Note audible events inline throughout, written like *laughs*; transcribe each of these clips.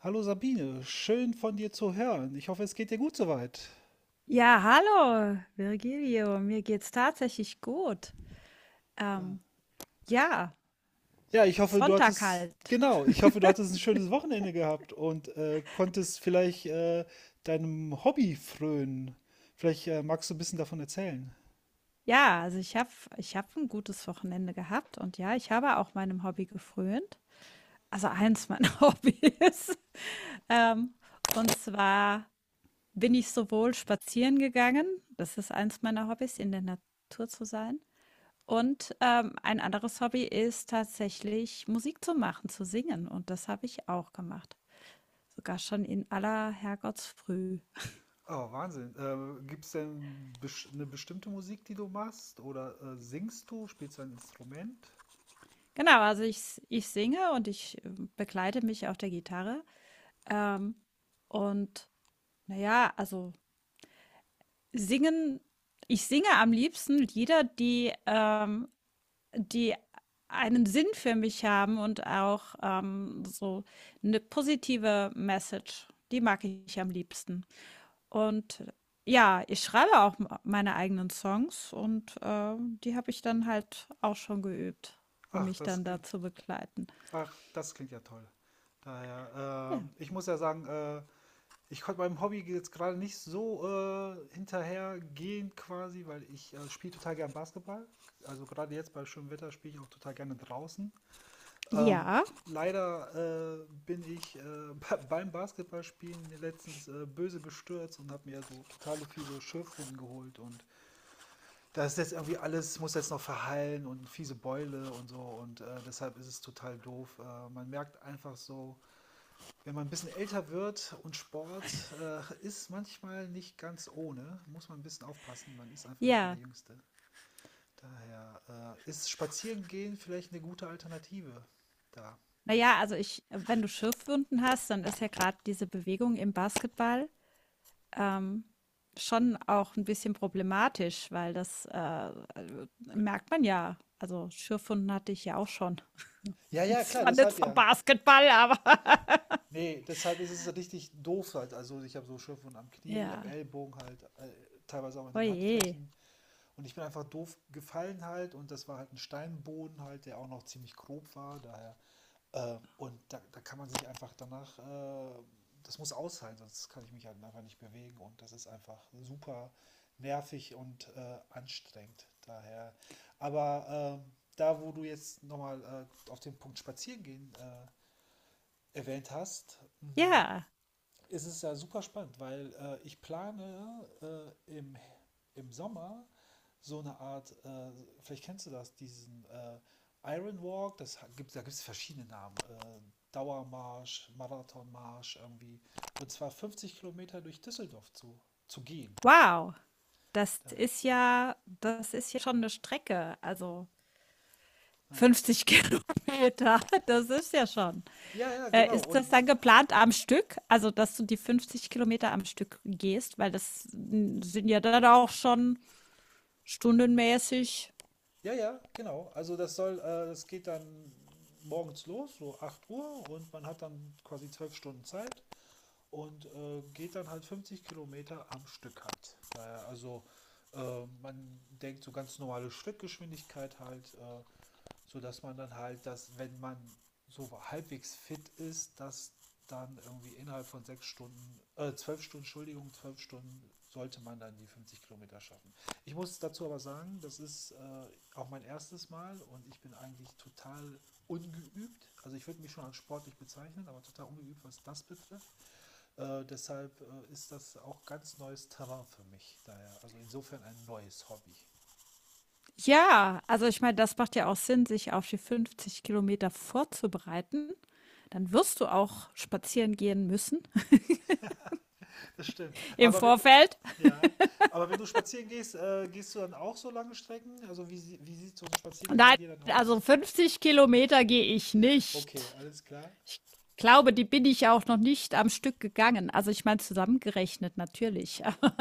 Hallo Sabine, schön von dir zu hören. Ich hoffe, es geht dir gut soweit. Ja, hallo, Virgilio. Mir geht's tatsächlich gut. Ähm, ja, Ja, ich hoffe, du Sonntag hattest, halt. genau, ich hoffe, du hattest ein schönes Wochenende gehabt und konntest vielleicht deinem Hobby frönen. Vielleicht magst du ein bisschen davon erzählen. Ja, also ich hab ein gutes Wochenende gehabt, und ja, ich habe auch meinem Hobby gefrönt. Also eins meiner *laughs* Hobbys. Ähm, und zwar bin ich sowohl spazieren gegangen, das ist eins meiner Hobbys, in der Natur zu sein. Und ein anderes Hobby ist tatsächlich Musik zu machen, zu singen. Und das habe ich auch gemacht. Sogar schon in aller Herrgottsfrüh. Oh, Wahnsinn. Gibt es denn eine bestimmte Musik, die du machst? Oder singst du? Spielst du ein Instrument? Genau, also ich singe und ich begleite mich auf der Gitarre. Ähm, und naja, also singen, ich singe am liebsten Lieder, die einen Sinn für mich haben und auch so eine positive Message. Die mag ich am liebsten. Und ja, ich schreibe auch m meine eigenen Songs, und die habe ich dann halt auch schon geübt, um Ach, mich das dann da klingt, zu begleiten. ach, das klingt ja toll. Daher, Ja. Ich muss ja sagen, ich konnte meinem Hobby jetzt gerade nicht so hinterhergehen quasi, weil ich spiele total gern Basketball. Also gerade jetzt bei schönem Wetter spiele ich auch total gerne draußen. Ähm, Ja. Leider bin ich *laughs* beim Basketballspielen letztens böse bestürzt und habe mir so totale fiese Schürfwunden geholt und das ist jetzt irgendwie alles, muss jetzt noch verheilen und fiese Beule und so und deshalb ist es total doof. Man merkt einfach so, wenn man ein bisschen älter wird und Sport ist manchmal nicht ganz ohne, muss man ein bisschen aufpassen. Man ist einfach nicht mehr Ja. der Jüngste. Daher ist Spazierengehen vielleicht eine gute Alternative da. Na ja, also ich wenn du Schürfwunden hast, dann ist ja gerade diese Bewegung im Basketball ähm, schon auch ein bisschen problematisch, weil das, merkt man ja. Also, Schürfwunden hatte ich ja auch schon. Ja, *laughs* ja, klar, Zwar nicht deshalb vom ja. Basketball, aber *laughs* Nee, deshalb ist es richtig doof halt. Also ich habe so Schürfwunden am Knie, am ja. Ellbogen halt, teilweise auch an den Oje. Handflächen. Und ich bin einfach doof gefallen halt und das war halt ein Steinboden halt, der auch noch ziemlich grob war, daher. Und da kann man sich einfach danach, das muss aushalten, sonst kann ich mich halt einfach nicht bewegen und das ist einfach super nervig und anstrengend, daher. Aber da, wo du jetzt nochmal auf den Punkt Spazieren gehen erwähnt hast, Ja. es ist es ja super spannend, weil ich plane äh, im, im Sommer so eine Art, vielleicht kennst du das, diesen Iron Walk, das gibt, da gibt es verschiedene Namen. Dauermarsch, Marathonmarsch irgendwie. Und zwar 50 Kilometer durch Düsseldorf zu gehen. Wow, das Da, ist ja das ist ja schon eine Strecke. Also äh, 50 *laughs* Kilometer, das ist ja schon. ja, ja, genau. Ist Und das dann geplant am Stück? Also, dass du die 50 Kilometer am Stück gehst, weil das sind ja dann auch schon stundenmäßig. ja, ja, genau. Also das soll, das geht dann morgens los, so 8 Uhr und man hat dann quasi 12 Stunden Zeit. Und geht dann halt 50 Kilometer am Stück halt. Also man denkt so ganz normale Schrittgeschwindigkeit halt, sodass man dann halt, dass wenn man so halbwegs fit ist, dass dann irgendwie innerhalb von 6 Stunden, 12 Stunden, Entschuldigung, 12 Stunden sollte man dann die 50 Kilometer schaffen. Ich muss dazu aber sagen, das ist auch mein erstes Mal und ich bin eigentlich total ungeübt. Also ich würde mich schon als sportlich bezeichnen, aber total ungeübt, was das betrifft. Deshalb ist das auch ganz neues Terrain für mich. Daher, also insofern ein neues Hobby. Ja, also ich meine, das macht ja auch Sinn, sich auf die 50 Kilometer vorzubereiten. Dann wirst du auch spazieren gehen müssen Das stimmt. *laughs* im Aber Vorfeld. ja, aber wenn du spazieren gehst, gehst du dann auch so lange Strecken? Also wie sieht so ein Spaziergang bei Nein, dir dann also aus? 50 Kilometer gehe ich Okay, nicht. alles klar. Ich glaube, die bin ich auch noch nicht am Stück gegangen. Also ich meine, zusammengerechnet natürlich, *laughs*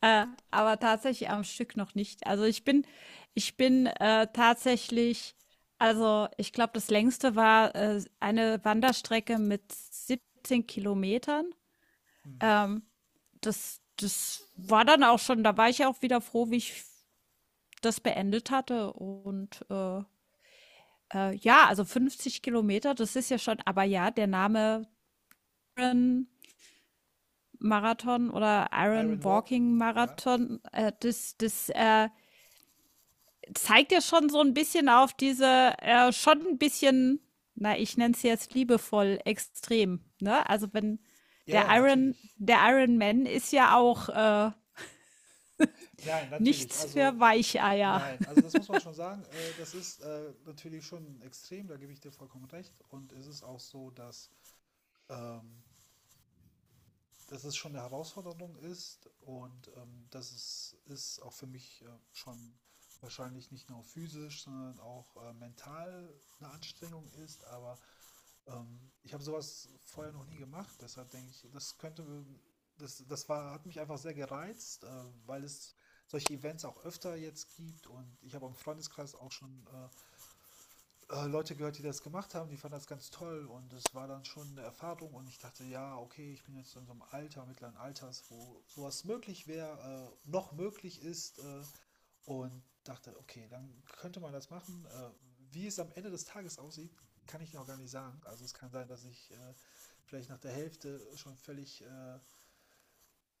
äh, aber tatsächlich am Stück noch nicht. Also ich bin tatsächlich, also ich glaube, das längste war eine Wanderstrecke mit 17 Kilometern. Hm. Ähm, das war dann auch schon, da war ich auch wieder froh, wie ich das beendet hatte. Und ja, also 50 Kilometer, das ist ja schon. Aber ja, der Name Iron Marathon oder Iron Iron Walk, Walking ja. Marathon, das zeigt ja schon so ein bisschen auf diese schon ein bisschen, na, ich nenne es jetzt liebevoll, extrem. Ne? Also wenn Ja, der ja, Iron, natürlich. der Iron Man ist ja auch Nein, natürlich. nichts Also für Weicheier. nein, also das muss man schon sagen. Das ist natürlich schon extrem, da gebe ich dir vollkommen recht. Und es ist auch so, dass ähm, dass es schon eine Herausforderung ist und dass es ist auch für mich schon wahrscheinlich nicht nur physisch, sondern auch mental eine Anstrengung ist. Aber ich habe sowas vorher noch nie gemacht, deshalb denke ich, das hat mich einfach sehr gereizt, weil es solche Events auch öfter jetzt gibt und ich habe im Freundeskreis auch schon Leute gehört, die das gemacht haben, die fanden das ganz toll und es war dann schon eine Erfahrung und ich dachte, ja, okay, ich bin jetzt in so einem Alter, mittleren Alters, wo sowas möglich wäre, noch möglich ist und dachte, okay, dann könnte man das machen. Wie es am Ende des Tages aussieht, kann ich noch gar nicht sagen. Also es kann sein, dass ich vielleicht nach der Hälfte schon völlig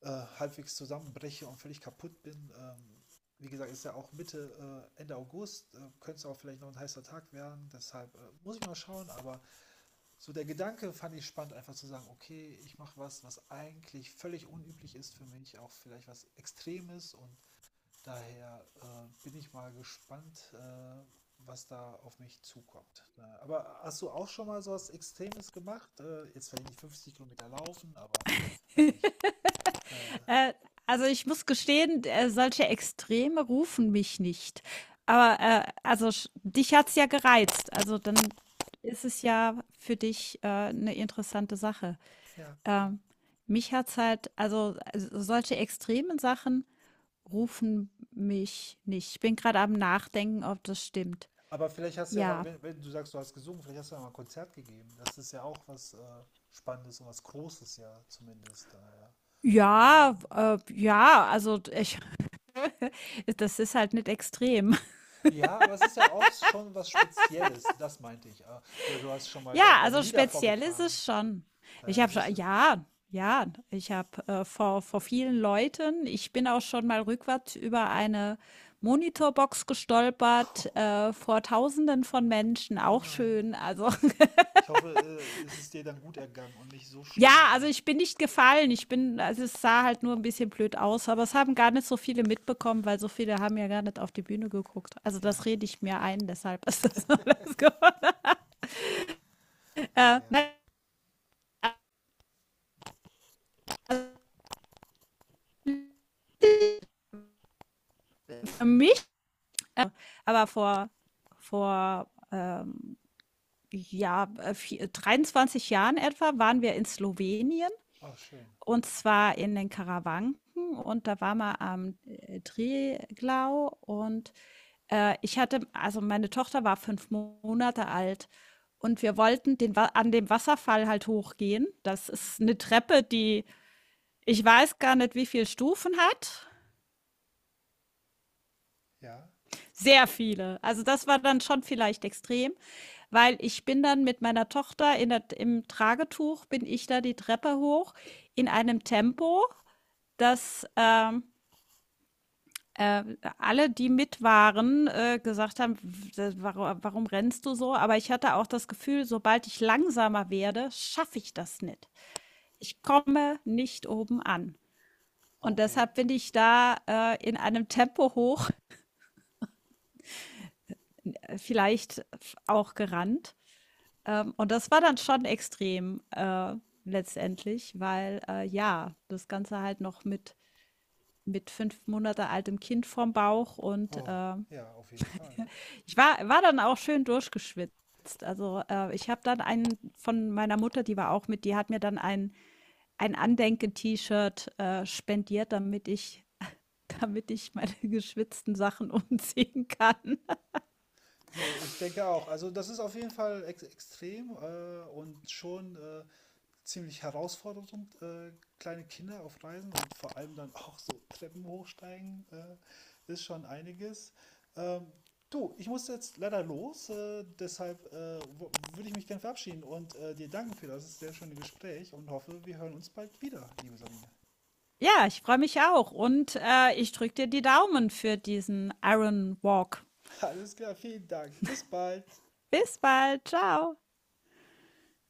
äh, halbwegs zusammenbreche und völlig kaputt bin. Wie gesagt, ist ja auch Mitte, Ende August, könnte es auch vielleicht noch ein heißer Tag werden, deshalb muss ich mal schauen, aber so der Gedanke fand ich spannend, einfach zu sagen, okay, ich mache was, was eigentlich völlig unüblich ist für mich, auch vielleicht was Extremes. Und daher bin ich mal gespannt, was da auf mich zukommt. Aber hast du auch schon mal so was Extremes gemacht? Jetzt vielleicht nicht 50 Kilometer laufen, aber weiß *laughs* nicht. Äh, Äh, also ich muss gestehen, solche Extreme rufen mich nicht. Aber also sch dich hat's ja gereizt. Also dann ist es ja für dich 'ne interessante Sache. ja, ja. Ähm, Mich hat's halt, also solche extremen Sachen rufen mich nicht. Ich bin gerade am Nachdenken, ob das stimmt. Aber vielleicht hast du ja mal, Ja. Wenn du sagst, du hast gesungen, vielleicht hast du ja mal ein Konzert gegeben. Das ist ja auch was Spannendes und was Großes ja zumindest da, ja. Ja, Mhm. Ja, also ich *laughs* das ist halt nicht extrem. Ja, aber es ist ja auch schon was Spezielles, das meinte ich. Oder du hast schon mal Ja, deine also Lieder speziell ist vorgetragen. es schon. Daher, Ich das habe schon, ist ja. ja, ja, ich habe vor vielen Leuten, ich bin auch schon mal rückwärts über eine Monitorbox gestolpert, vor Tausenden von Menschen, Oh auch nein. schön. Also, *laughs* Ich hoffe, es ist dir dann gut ergangen und nicht so ja, schlimm. also ich bin nicht gefallen. Ich bin, also, es sah halt nur ein bisschen blöd aus, aber es haben gar nicht so viele mitbekommen, weil so viele haben ja gar nicht auf die Bühne geguckt. Also, das Ja. rede ich mir ein, deshalb ist das *laughs* alles geworden. Ach ja. Nein, also für mi Aber vor 23 Jahren etwa waren wir in Slowenien, Oh, schön. und zwar in den Karawanken, und da waren wir am Triglau. Und ich hatte, also meine Tochter war 5 Monate alt, und wir wollten an dem Wasserfall halt hochgehen. Das ist eine Treppe, die, ich weiß gar nicht, wie viele Stufen hat. Ja, Sehr viele. Also das war dann schon vielleicht extrem. Weil ich bin dann mit meiner Tochter in der, im Tragetuch, bin ich da die Treppe hoch in einem Tempo, dass äh, alle, die mit waren, gesagt haben: „W d Warum rennst du so?" Aber ich hatte auch das Gefühl, sobald ich langsamer werde, schaffe ich das nicht. Ich komme nicht oben an. Und okay. deshalb bin ich da in einem Tempo hoch, *laughs* vielleicht auch gerannt. Und das war dann schon extrem, letztendlich, weil, ja, das Ganze halt noch mit 5 Monate altem Kind vorm Bauch. Und Oh, ja, auf jeden Fall. ich war dann auch schön durchgeschwitzt. Also, ich habe dann einen von meiner Mutter, die war auch mit, die hat mir dann ein Andenken-T-Shirt spendiert, damit ich *laughs* damit ich meine *laughs* geschwitzten Sachen umziehen kann. Nee, ich denke auch. Also das ist auf jeden Fall ex extrem und schon ziemlich herausfordernd, äh, kleine Kinder auf Reisen und vor allem dann auch so Treppen hochsteigen, ist schon einiges. Ähm, Du, ich muss jetzt leider los, deshalb würde ich mich gerne verabschieden und dir danken für das sehr schöne Gespräch und hoffe, wir hören uns bald wieder, liebe Sabine. Ja, ich freue mich auch, und ich drücke dir die Daumen für diesen Iron Walk. *laughs* Alles klar, vielen Dank. Bis bald. Bis bald. Ciao.